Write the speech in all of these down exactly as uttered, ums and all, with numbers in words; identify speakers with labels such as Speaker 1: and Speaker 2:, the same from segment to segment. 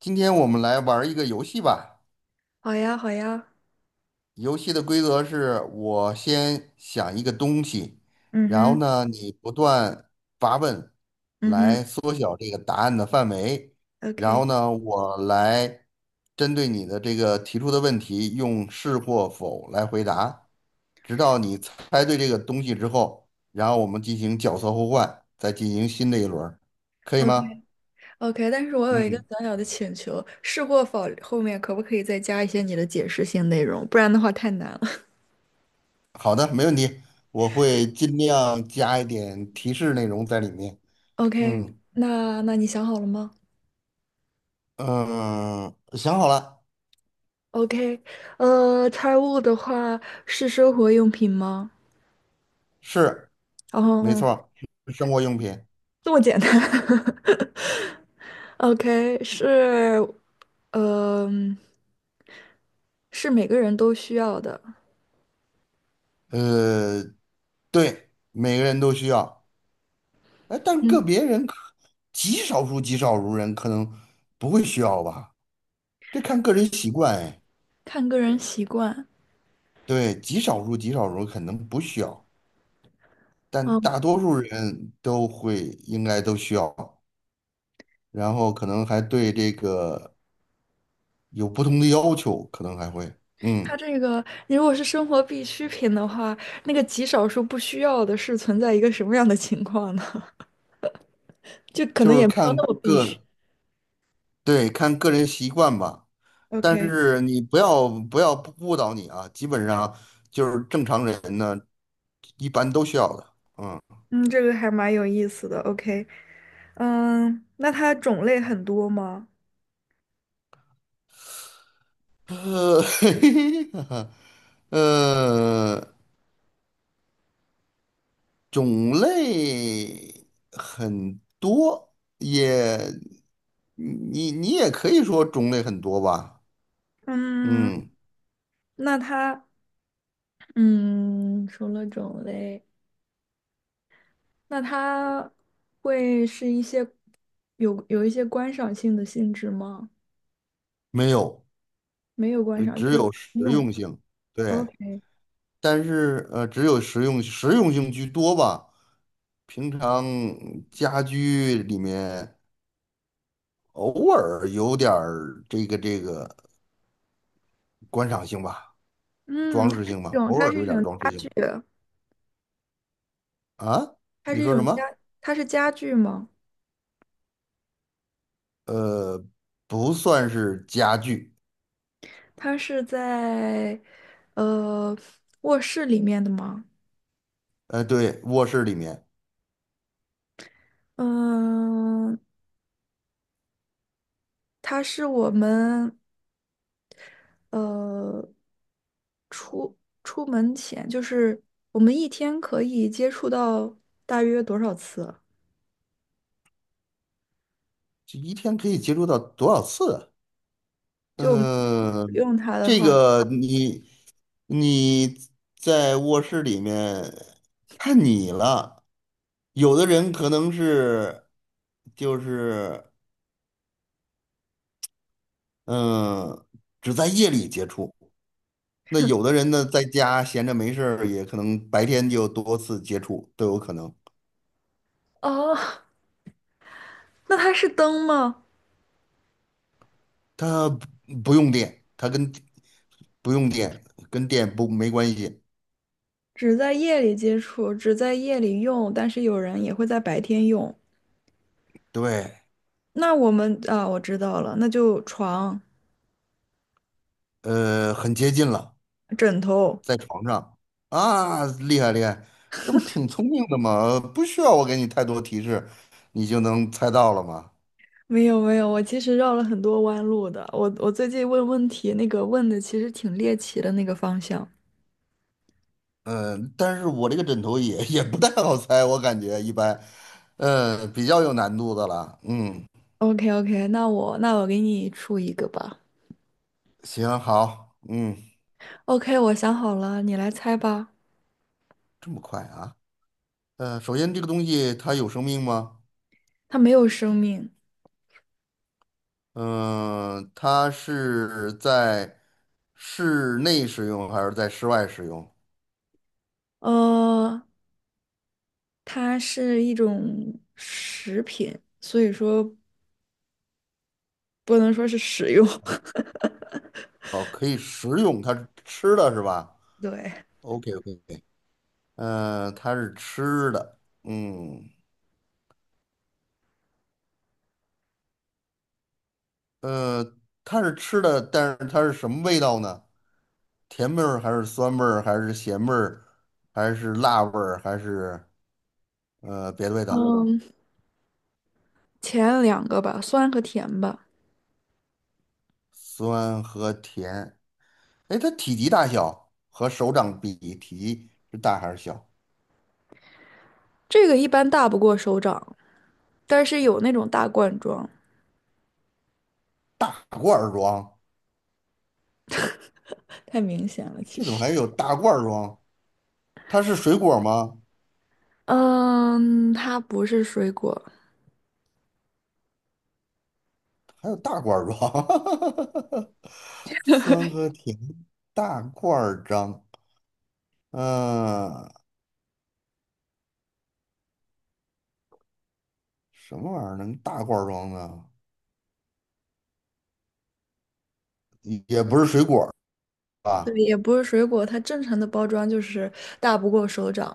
Speaker 1: 今天我们来玩儿一个游戏吧。
Speaker 2: 好呀，好呀
Speaker 1: 游戏的规则是我先想一个东西，
Speaker 2: 嗯
Speaker 1: 然后
Speaker 2: 哼，
Speaker 1: 呢，你不断发问
Speaker 2: 嗯
Speaker 1: 来缩小这个答案的范围，
Speaker 2: 哼，
Speaker 1: 然
Speaker 2: ，OK。
Speaker 1: 后呢，我来针对你的这个提出的问题，用是或否来回答，直到你猜对这个东西之后，然后我们进行角色互换，再进行新的一轮儿，可以
Speaker 2: OK
Speaker 1: 吗？
Speaker 2: OK，但是我有一个
Speaker 1: 嗯，
Speaker 2: 小小的请求，试过否后面可不可以再加一些你的解释性内容？不然的话太难了。
Speaker 1: 好的，没问题，我会尽量加一点提示内容在里面。
Speaker 2: OK，
Speaker 1: 嗯
Speaker 2: 那那你想好了吗
Speaker 1: 嗯，呃想好了，
Speaker 2: ？OK，呃，财务的话是生活用品吗？
Speaker 1: 是没
Speaker 2: 哦，
Speaker 1: 错儿，是生活用品。
Speaker 2: 这么简单。OK，是，嗯，是每个人都需要的。
Speaker 1: 呃，对，每个人都需要，哎，但个
Speaker 2: 嗯，
Speaker 1: 别人可极少数极少数人可能不会需要吧，这看个人习惯。哎，
Speaker 2: 看个人习惯。
Speaker 1: 对，极少数极少数可能不需要，但大多数人都会应该都需要，然后可能还对这个。有不同的要求，可能还会，
Speaker 2: 它
Speaker 1: 嗯，
Speaker 2: 这个你如果是生活必需品的话，那个极少数不需要的是存在一个什么样的情况呢？就可能
Speaker 1: 就是
Speaker 2: 也没有那
Speaker 1: 看
Speaker 2: 么必须。
Speaker 1: 个，对，看个人习惯吧。但
Speaker 2: OK，
Speaker 1: 是你不要不要误导你啊，基本上就是正常人呢，一般都需要的，嗯，
Speaker 2: 嗯，这个还蛮有意思的。OK，嗯，那它种类很多吗？
Speaker 1: 呃，呃，种类很多，也，你你也可以说种类很多吧。
Speaker 2: 嗯，
Speaker 1: 嗯，
Speaker 2: 那它，嗯，除了种类，那它会是一些有有一些观赏性的性质吗？
Speaker 1: 没有，
Speaker 2: 没有观
Speaker 1: 只
Speaker 2: 赏，
Speaker 1: 只
Speaker 2: 就是
Speaker 1: 有实
Speaker 2: 用。
Speaker 1: 用性，对。
Speaker 2: OK，
Speaker 1: 但是呃，只有实用实用性居多吧。平常家居里面偶尔有点儿这个这个观赏性吧，
Speaker 2: 嗯，
Speaker 1: 装
Speaker 2: 它
Speaker 1: 饰
Speaker 2: 是
Speaker 1: 性
Speaker 2: 一
Speaker 1: 吧，
Speaker 2: 种，
Speaker 1: 偶
Speaker 2: 它
Speaker 1: 尔
Speaker 2: 是一
Speaker 1: 有点儿
Speaker 2: 种
Speaker 1: 装
Speaker 2: 家
Speaker 1: 饰
Speaker 2: 具。
Speaker 1: 性啊。
Speaker 2: 它
Speaker 1: 你
Speaker 2: 是一
Speaker 1: 说什
Speaker 2: 种家，
Speaker 1: 么？
Speaker 2: 它是家具吗？
Speaker 1: 呃，不算是家具。
Speaker 2: 它是在呃卧室里面的吗？
Speaker 1: 呃，对，卧室里面
Speaker 2: 嗯，它是我们呃出出门前，就是我们一天可以接触到大约多少次啊
Speaker 1: 这一天可以接触到多少次啊。
Speaker 2: 就我们
Speaker 1: 嗯，
Speaker 2: 用它的
Speaker 1: 这
Speaker 2: 话，
Speaker 1: 个你你在卧室里面看你了，有的人可能是就是嗯、呃只在夜里接触，那有的人呢在家闲着没事儿，也可能白天就多次接触都有可能。
Speaker 2: 哦 那它是灯吗？
Speaker 1: 他不不用电，他跟不用电，跟电不没关系。
Speaker 2: 只在夜里接触，只在夜里用，但是有人也会在白天用。
Speaker 1: 对，
Speaker 2: 那我们啊，我知道了，那就床、
Speaker 1: 呃，很接近了。
Speaker 2: 枕头。
Speaker 1: 在床上啊，厉害厉害，这不是挺聪明的吗？呃不需要我给你太多提示，你就能猜到了吗？
Speaker 2: 没有没有，我其实绕了很多弯路的。我我最近问问题，那个问的其实挺猎奇的那个方向。
Speaker 1: 嗯，呃但是我这个枕头也也不太好猜，我感觉一般，嗯，比较有难度的了。嗯，
Speaker 2: OK OK，那我那我给你出一个吧。
Speaker 1: 行，好，嗯，
Speaker 2: OK，我想好了，你来猜吧。
Speaker 1: 这么快啊？呃，首先这个东西它有生命吗？
Speaker 2: 它没有生命，
Speaker 1: 嗯，它是在室内使用还是在室外使用？
Speaker 2: 呃，它是一种食品，所以说不能说是食用。
Speaker 1: 哦，可以食用，它是吃的是吧
Speaker 2: 对，
Speaker 1: ？OK OK，嗯、呃，它是吃的。嗯，呃，它是吃的，但是它是什么味道呢？甜味儿还是酸味儿，还是咸味儿，还是辣味儿，还是呃别的味道？
Speaker 2: 嗯，前两个吧，酸和甜吧。
Speaker 1: 酸和甜。哎，它体积大小和手掌比，体积是大还是小？
Speaker 2: 这个一般大不过手掌。但是有那种大罐装，
Speaker 1: 大罐儿装，
Speaker 2: 太明显了，其
Speaker 1: 这怎么
Speaker 2: 实。
Speaker 1: 还有大罐儿装？它是水果吗？
Speaker 2: 嗯，它不是水果，
Speaker 1: 还有大罐儿装，酸和甜，大罐儿装。嗯，什么玩意儿能大罐装的？也也不是水果儿
Speaker 2: 对，
Speaker 1: 吧？
Speaker 2: 也不是水果，它正常的包装就是大不过手掌。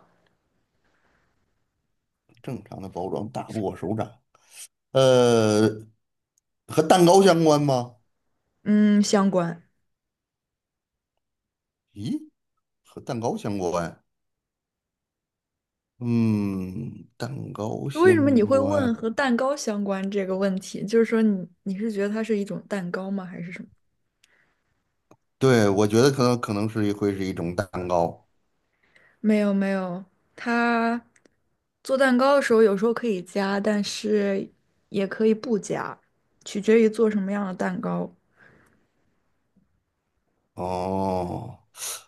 Speaker 1: 正常的包装打不过手掌。呃，和蛋糕相关吗？
Speaker 2: 嗯，相关。
Speaker 1: 咦，和蛋糕相关？嗯，蛋糕
Speaker 2: 为什么你
Speaker 1: 相
Speaker 2: 会问
Speaker 1: 关。
Speaker 2: 和蛋糕相关这个问题？就是说你你是觉得它是一种蛋糕吗？还是什么？
Speaker 1: 对，我觉得可能可能是一会是一种蛋糕。
Speaker 2: 没有没有，它做蛋糕的时候有时候可以加，但是也可以不加，取决于做什么样的蛋糕。
Speaker 1: 哦，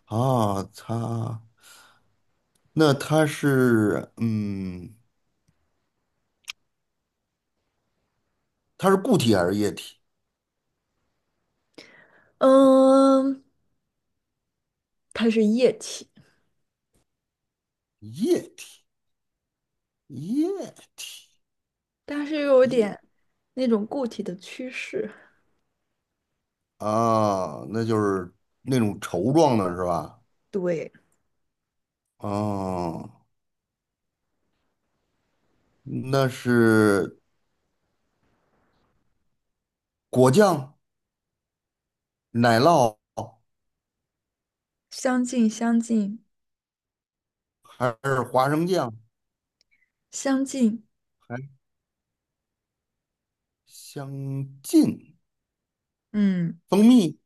Speaker 1: 啊，它那它是嗯，它是固体还是液体？
Speaker 2: 嗯，它是液体。
Speaker 1: 液体，液体。
Speaker 2: 但是又有
Speaker 1: 液。
Speaker 2: 点那种固体的趋势，
Speaker 1: 啊，那就是那种稠状的是吧？
Speaker 2: 对，
Speaker 1: 哦，那是果酱、奶酪
Speaker 2: 相近相近
Speaker 1: 还是花生酱？
Speaker 2: 相近，
Speaker 1: 还相近，
Speaker 2: 嗯，
Speaker 1: 蜂蜜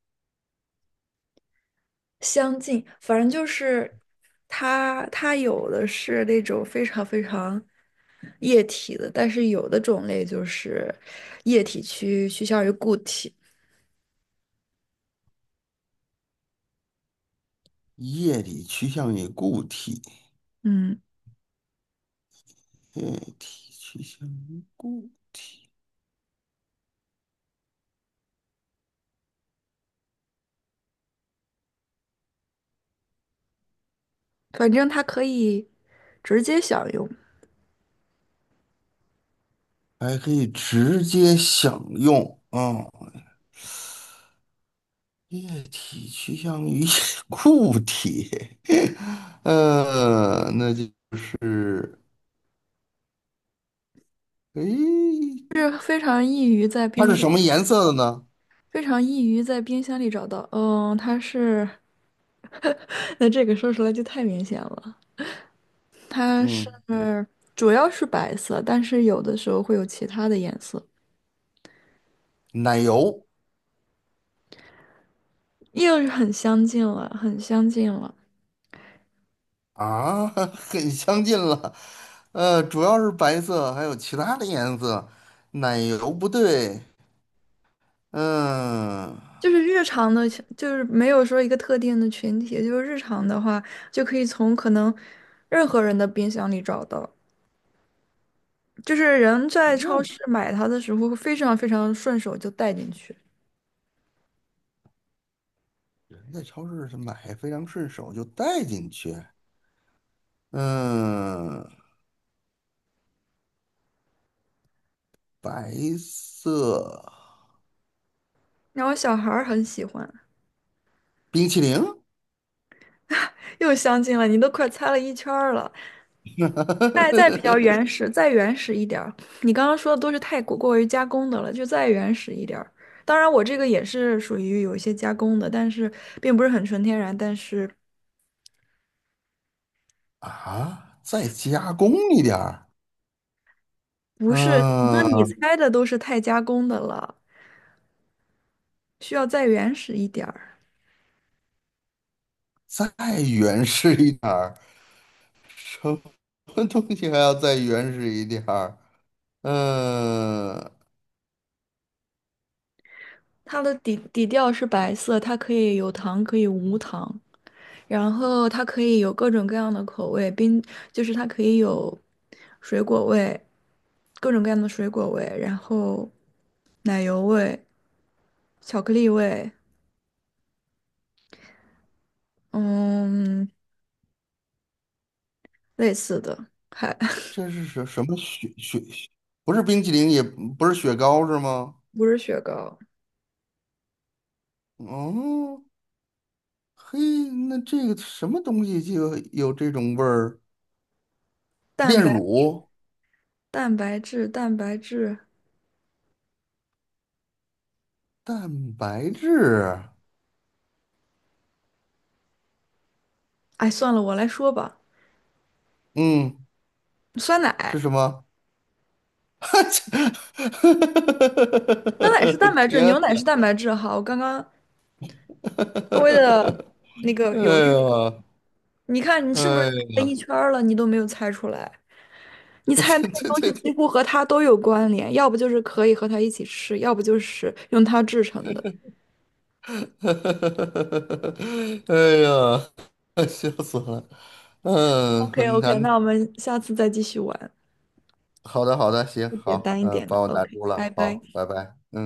Speaker 2: 相近，反正就是它它有的是那种非常非常液体的，但是有的种类就是液体趋趋向于固体，
Speaker 1: 液体趋向于固体，
Speaker 2: 嗯，
Speaker 1: 液体趋向于固体，
Speaker 2: 反正它可以直接享用，
Speaker 1: 还可以直接享用。啊！液体趋向于 固体，呃，那就是，诶。
Speaker 2: 是非常易于在
Speaker 1: 它
Speaker 2: 冰
Speaker 1: 是
Speaker 2: 箱
Speaker 1: 什么颜色的呢？
Speaker 2: 非常易于在冰箱里找到，嗯，它是，那这个说出来就太明显了。它是
Speaker 1: 嗯，
Speaker 2: 主要是白色，但是有的时候会有其他的颜色，
Speaker 1: 奶油
Speaker 2: 又是很相近了，很相近了。
Speaker 1: 啊，很相近了。呃，主要是白色，还有其他的颜色。奶油不对，嗯，
Speaker 2: 就是日常的，就是没有说一个特定的群体，就是日常的话，就可以从可能任何人的冰箱里找到。就是人在
Speaker 1: 任
Speaker 2: 超
Speaker 1: 何
Speaker 2: 市买它的时候，会非常非常顺手就带进去，
Speaker 1: 人在超市是买非常顺手就带进去。嗯，白色
Speaker 2: 然后小孩儿很喜欢，
Speaker 1: 冰淇淋
Speaker 2: 又相近了，你都快猜了一圈儿了。再再比较原 始，再原始一点儿。你刚刚说的都是太过过于加工的了，就再原始一点儿。当然，我这个也是属于有一些加工的，但是并不是很纯天然，但是
Speaker 1: 啊，再加工一点儿，
Speaker 2: 不是，那你
Speaker 1: 嗯，
Speaker 2: 猜的都是太加工的了，需要再原始一点儿。
Speaker 1: 再原始一点儿。什 东西还要再原始一点儿。嗯，
Speaker 2: 它的底底调是白色，它可以有糖，可以无糖，然后它可以有各种各样的口味，冰就是它可以有水果味，各种各样的水果味，然后奶油味。巧克力味，嗯，类似的，还
Speaker 1: 这是什什么雪雪？不是冰淇淋，也不是雪糕，是吗？
Speaker 2: 不是雪糕，
Speaker 1: 哦，嘿，那这个什么东西就有这种味儿？
Speaker 2: 蛋
Speaker 1: 炼
Speaker 2: 白
Speaker 1: 乳、
Speaker 2: 蛋白质蛋白质，
Speaker 1: 蛋白质啊，
Speaker 2: 哎，算了，我来说吧，
Speaker 1: 嗯，
Speaker 2: 酸奶，
Speaker 1: 是什么？
Speaker 2: 酸奶是蛋 白质，
Speaker 1: 天，
Speaker 2: 牛奶是蛋白质哈，我刚刚稍微 的那个
Speaker 1: 哎
Speaker 2: 犹豫，
Speaker 1: 呀，
Speaker 2: 你看你是不
Speaker 1: 哎
Speaker 2: 是猜一
Speaker 1: 呀，
Speaker 2: 圈儿了，你都没有猜出来，你 猜那些
Speaker 1: 这
Speaker 2: 东
Speaker 1: 这
Speaker 2: 西几
Speaker 1: 这。
Speaker 2: 乎和它都有关联，要不就是可以和它一起吃，要不就是用它制成的。
Speaker 1: 哎呀，笑死我了。嗯，
Speaker 2: OK
Speaker 1: 很
Speaker 2: OK，那我
Speaker 1: 难。
Speaker 2: 们下次再继续玩，
Speaker 1: 好的，好的，行，
Speaker 2: 简
Speaker 1: 好，
Speaker 2: 单一
Speaker 1: 嗯，
Speaker 2: 点的。
Speaker 1: 把我难
Speaker 2: OK，
Speaker 1: 住
Speaker 2: 拜
Speaker 1: 了，
Speaker 2: 拜。
Speaker 1: 好，拜拜。